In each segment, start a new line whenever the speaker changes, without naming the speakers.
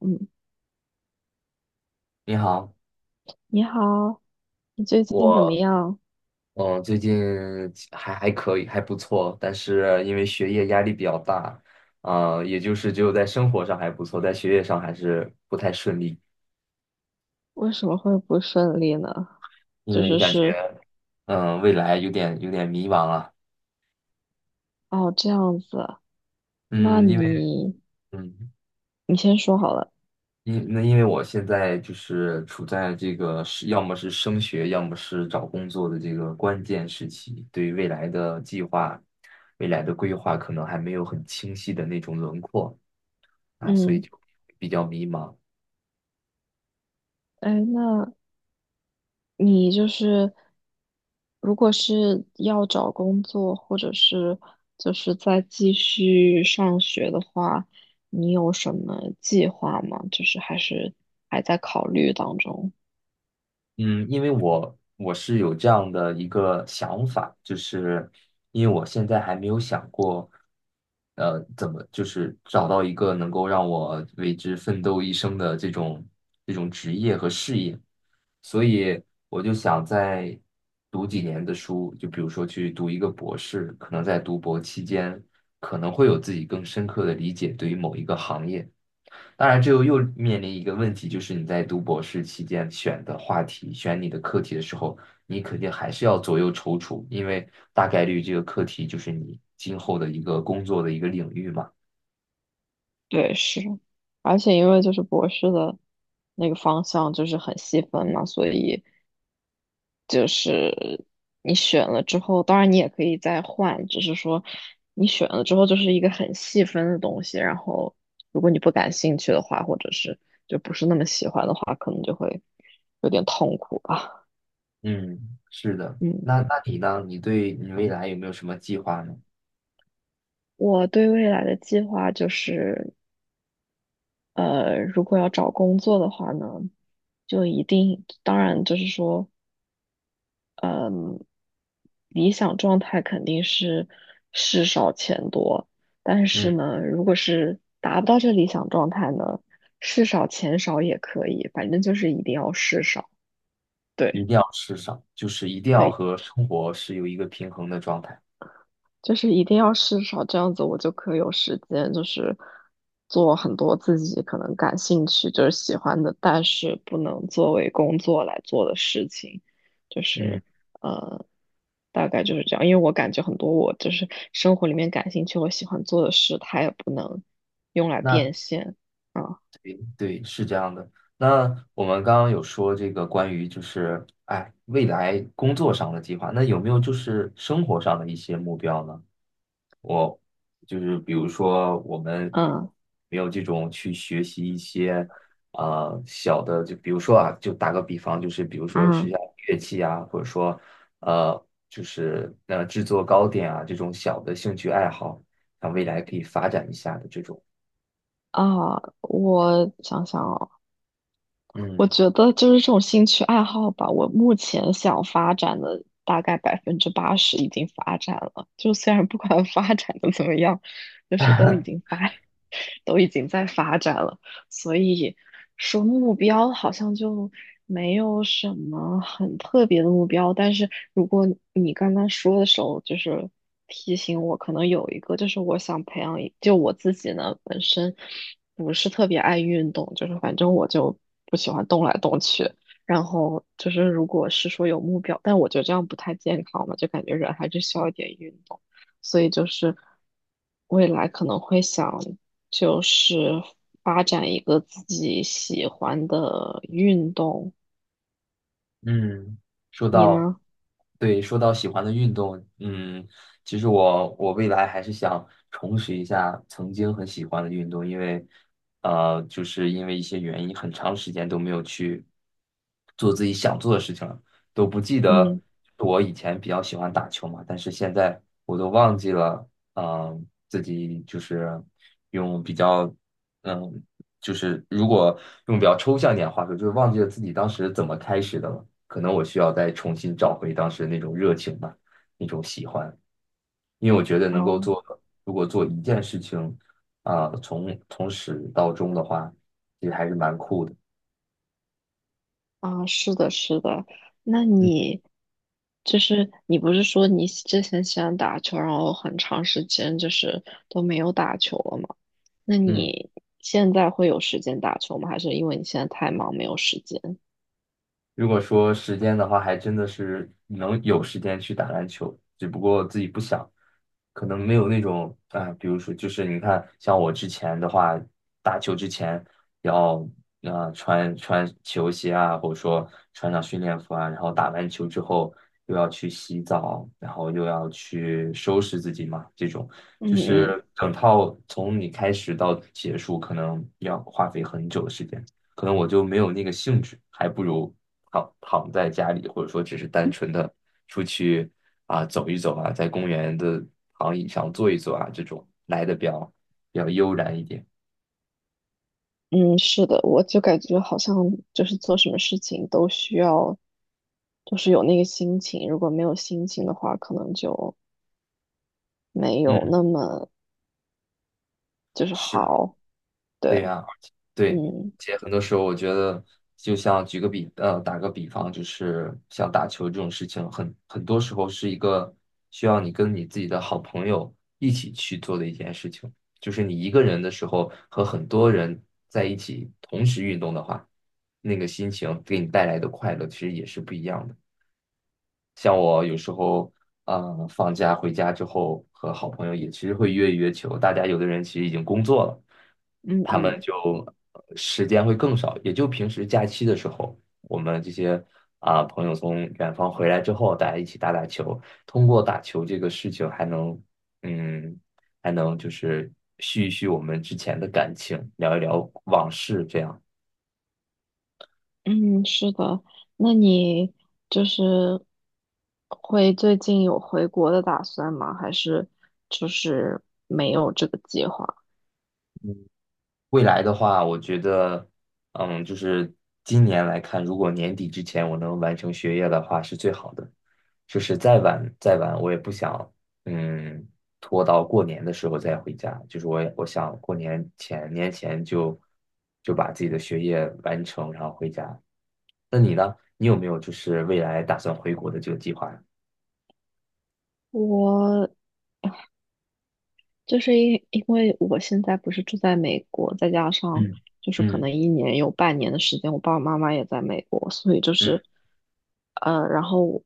嗯，
你好，
你好，你最近怎么
我
样？
最近还可以，还不错，但是因为学业压力比较大，也就是只有在生活上还不错，在学业上还是不太顺利，
为什么会不顺利呢？
因
就
为
是
感
是
觉未来有点迷茫了，
哦，这样子啊。那
嗯，因为
你
嗯。
先说好了。
因为我现在就是处在这个是要么是升学，要么是找工作的这个关键时期，对于未来的计划、未来的规划可能还没有很清晰的那种轮廓所以
嗯，
就比较迷茫。
哎，那你如果是要找工作，或者是再继续上学的话，你有什么计划吗？就是还是还在考虑当中。
嗯，因为我是有这样的一个想法，就是因为我现在还没有想过，怎么就是找到一个能够让我为之奋斗一生的这种职业和事业，所以我就想再读几年的书，就比如说去读一个博士，可能在读博期间可能会有自己更深刻的理解对于某一个行业。当然，这又面临一个问题，就是你在读博士期间选的话题、选你的课题的时候，你肯定还是要左右踌躇，因为大概率这个课题就是你今后的一个工作的一个领域嘛。
对，是，而且因为就是博士的那个方向就是很细分嘛，所以就是你选了之后，当然你也可以再换，只是说你选了之后就是一个很细分的东西，然后如果你不感兴趣的话，或者是就不是那么喜欢的话，可能就会有点痛苦吧。
嗯，是的。
嗯，
那那你呢？你对你未来有没有什么计划呢？
我对未来的计划就是，如果要找工作的话呢，就一定，当然就是说。理想状态肯定是事少钱多，但是
嗯，
呢，如果是达不到这理想状态呢，事少钱少也可以，反正就是一定要事少。
一
对，
定要吃上，就是一定要
对。
和生活是有一个平衡的状态。
就是一定要试少，这样子我就可以有时间，就是做很多自己可能感兴趣，就是喜欢的，但是不能作为工作来做的事情，就
嗯，
是呃，大概就是这样。因为我感觉很多我就是生活里面感兴趣，我喜欢做的事，它也不能用来
那
变现啊。
对，是这样的。那我们刚刚有说这个关于就是哎未来工作上的计划，那有没有就是生活上的一些目标呢？我就是比如说我们
嗯
没有这种去学习一些小的，就比如说啊，就打个比方，就是比如说学
嗯。
下乐器啊，或者说制作糕点啊这种小的兴趣爱好，那未来可以发展一下的这种，
啊，我想想哦，我
嗯。
觉得就是这种兴趣爱好吧，我目前想发展的大概百分之八十已经发展了，就虽然不管 发展的怎么样，就是都已 经发，都已经在发展了。所以说目标好像就没有什么很特别的目标。但是如果你刚刚说的时候，就是提醒我，可能有一个就是我想培养一，就我自己呢本身不是特别爱运动，就是反正我就不喜欢动来动去。然后就是，如果是说有目标，但我觉得这样不太健康嘛，就感觉人还是需要一点运动。所以就是未来可能会想就是发展一个自己喜欢的运动。
嗯，说
你
到，
呢？
对，说到喜欢的运动，嗯，其实我未来还是想重拾一下曾经很喜欢的运动，因为，就是因为一些原因，很长时间都没有去做自己想做的事情了，都不记得
嗯。
我以前比较喜欢打球嘛，但是现在我都忘记了，自己就是用比较。嗯，就是如果用比较抽象一点的话说，就是忘记了自己当时怎么开始的了。可能我需要再重新找回当时那种热情吧，那种喜欢。因为我觉得能够
哦。
做，如果做一件事情从始到终的话，其实还是蛮酷的。
啊，是的，是的。那
嗯
你你不是说你之前喜欢打球，然后很长时间就是都没有打球了吗？那
嗯。
你现在会有时间打球吗？还是因为你现在太忙没有时间？
如果说时间的话，还真的是能有时间去打篮球，只不过自己不想，可能没有那种比如说就是你看，像我之前的话，打球之前要穿球鞋啊，或者说穿上训练服啊，然后打完球之后又要去洗澡，然后又要去收拾自己嘛，这种就
嗯嗯。
是整套从你开始到结束，可能要花费很久的时间。可能我就没有那个兴致，还不如躺在家里，或者说只是单纯的出去走一走啊，在公园的躺椅上坐一坐啊，这种来的比较悠然一点。
嗯，是的，我就感觉好像就是做什么事情都需要，就是有那个心情。如果没有心情的话，可能就没有
嗯。
那么
是，
好。对。
对呀，而且对，而
嗯
且很多时候我觉得，就像举个比，呃，打个比方，就是像打球这种事情，很多时候是一个需要你跟你自己的好朋友一起去做的一件事情。就是你一个人的时候和很多人在一起同时运动的话，那个心情给你带来的快乐其实也是不一样的。像我有时候，嗯，放假回家之后，和好朋友也其实会约一约球。大家有的人其实已经工作了，
嗯
他们
嗯。
就时间会更少，也就平时假期的时候，我们这些朋友从远方回来之后，大家一起打打球。通过打球这个事情，还能，嗯，还能就是续一续我们之前的感情，聊一聊往事，这样。
嗯，是的。那你就是会最近有回国的打算吗？还是就是没有这个计划？
未来的话，我觉得，嗯，就是今年来看，如果年底之前我能完成学业的话，是最好的。就是再晚，我也不想，嗯，拖到过年的时候再回家。就是我也我想过年前就就把自己的学业完成，然后回家。那你呢？你有没有就是未来打算回国的这个计划呀
我因为我现在不是住在美国，再加上就是
嗯
可
嗯
能一年有半年的时间，我爸爸妈妈也在美国，所以就
嗯
是，然后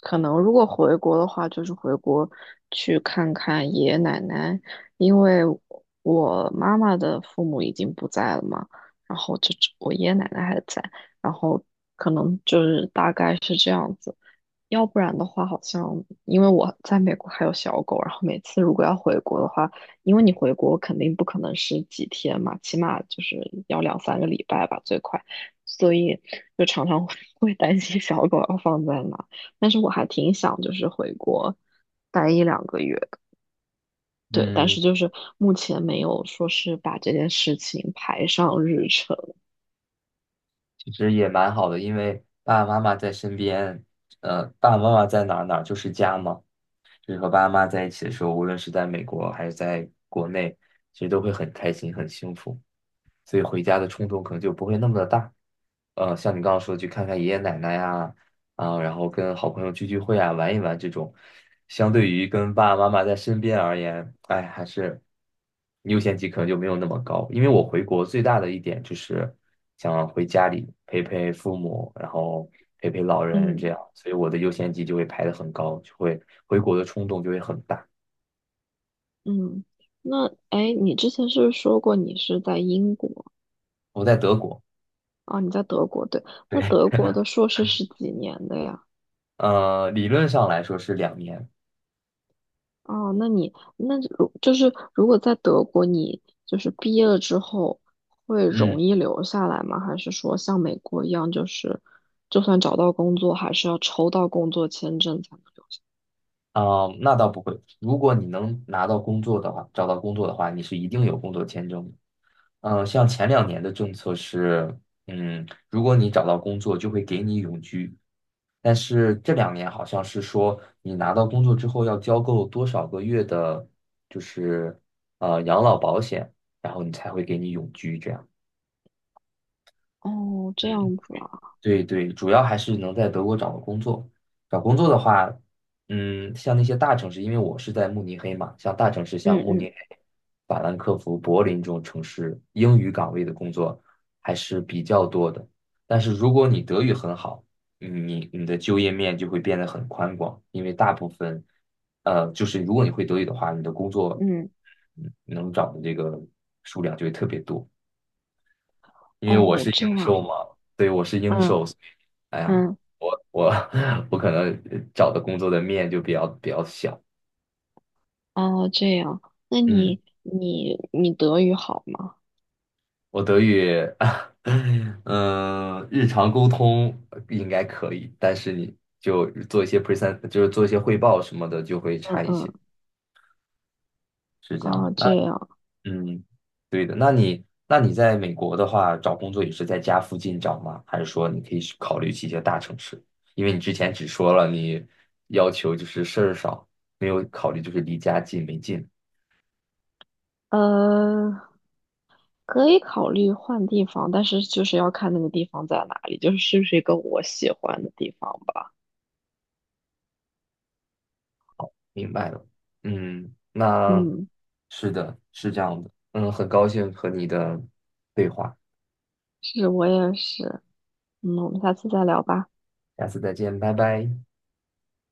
可能如果回国的话，就是回国去看看爷爷奶奶，因为我妈妈的父母已经不在了嘛，然后就只我爷爷奶奶还在，然后可能就是大概是这样子。要不然的话，好像因为我在美国还有小狗，然后每次如果要回国的话，因为你回国肯定不可能是几天嘛，起码就是要两三个礼拜吧，最快，所以就常常 会会担心小狗要放在哪。但是我还挺想就是回国待一两个月的，对，但
嗯，
是就是目前没有说是把这件事情排上日程。
其实也蛮好的，因为爸爸妈妈在身边，爸爸妈妈在哪儿就是家嘛。就是和爸爸妈妈在一起的时候，无论是在美国还是在国内，其实都会很开心、很幸福。所以回家的冲动可能就不会那么的大。像你刚刚说的去看看爷爷奶奶呀，啊，然后跟好朋友聚聚会啊，玩一玩这种，相对于跟爸爸妈妈在身边而言，哎，还是优先级可能就没有那么高。因为我回国最大的一点就是想回家里陪陪父母，然后陪陪老人这
嗯
样，所以我的优先级就会排的很高，就会回国的冲动就会很大。
嗯。那哎，你之前是不是说过你是在英国？
我在德国，
啊？你在德国，对，那
对，
德国的硕士是几年的呀？
理论上来说是两年，
哦，那你就是如果在德国，你就是毕业了之后会
嗯。
容易留下来吗？还是说像美国一样，就是就算找到工作，还是要抽到工作签证才能留下？
啊、那倒不会。如果你能拿到工作的话，找到工作的话，你是一定有工作签证的。像前两年的政策是，嗯，如果你找到工作，就会给你永居。但是这两年好像是说，你拿到工作之后要交够多少个月的，就是养老保险，然后你才会给你永居这样。
哦，这
嗯，
样子啊。
对对，主要还是能在德国找到工作。找工作的话，嗯，像那些大城市，因为我是在慕尼黑嘛，像大城市，像
嗯
慕尼
嗯
黑、法兰克福、柏林这种城市，英语岗位的工作还是比较多的。但是如果你德语很好，你的就业面就会变得很宽广，因为大部分，就是如果你会德语的话，你的工作
嗯。
能找的这个数量就会特别多。因为我
哦，
是英
这
寿嘛，
样。
对，我是英
嗯
寿，所以哎呀，
嗯。
我 我可能找的工作的面就比较小。
哦，这样，那
嗯，
你德语好吗？
我德语，嗯日常沟通应该可以，但是你就做一些 present，就是做一些汇报什么的，就会
嗯
差一些，
嗯。
是这样。
啊，
那
这样。
嗯，对的。那你在美国的话，找工作也是在家附近找吗？还是说你可以去考虑去一些大城市？因为你之前只说了你要求就是事儿少，没有考虑就是离家近没近。
呃，可以考虑换地方，但是就是要看那个地方在哪里，就是是不是一个我喜欢的地方吧。
明白了。嗯，那
嗯，
是的，是这样的。嗯，很高兴和你的对话，
是我也是。嗯，我们下次再聊吧。
下次再见，拜拜。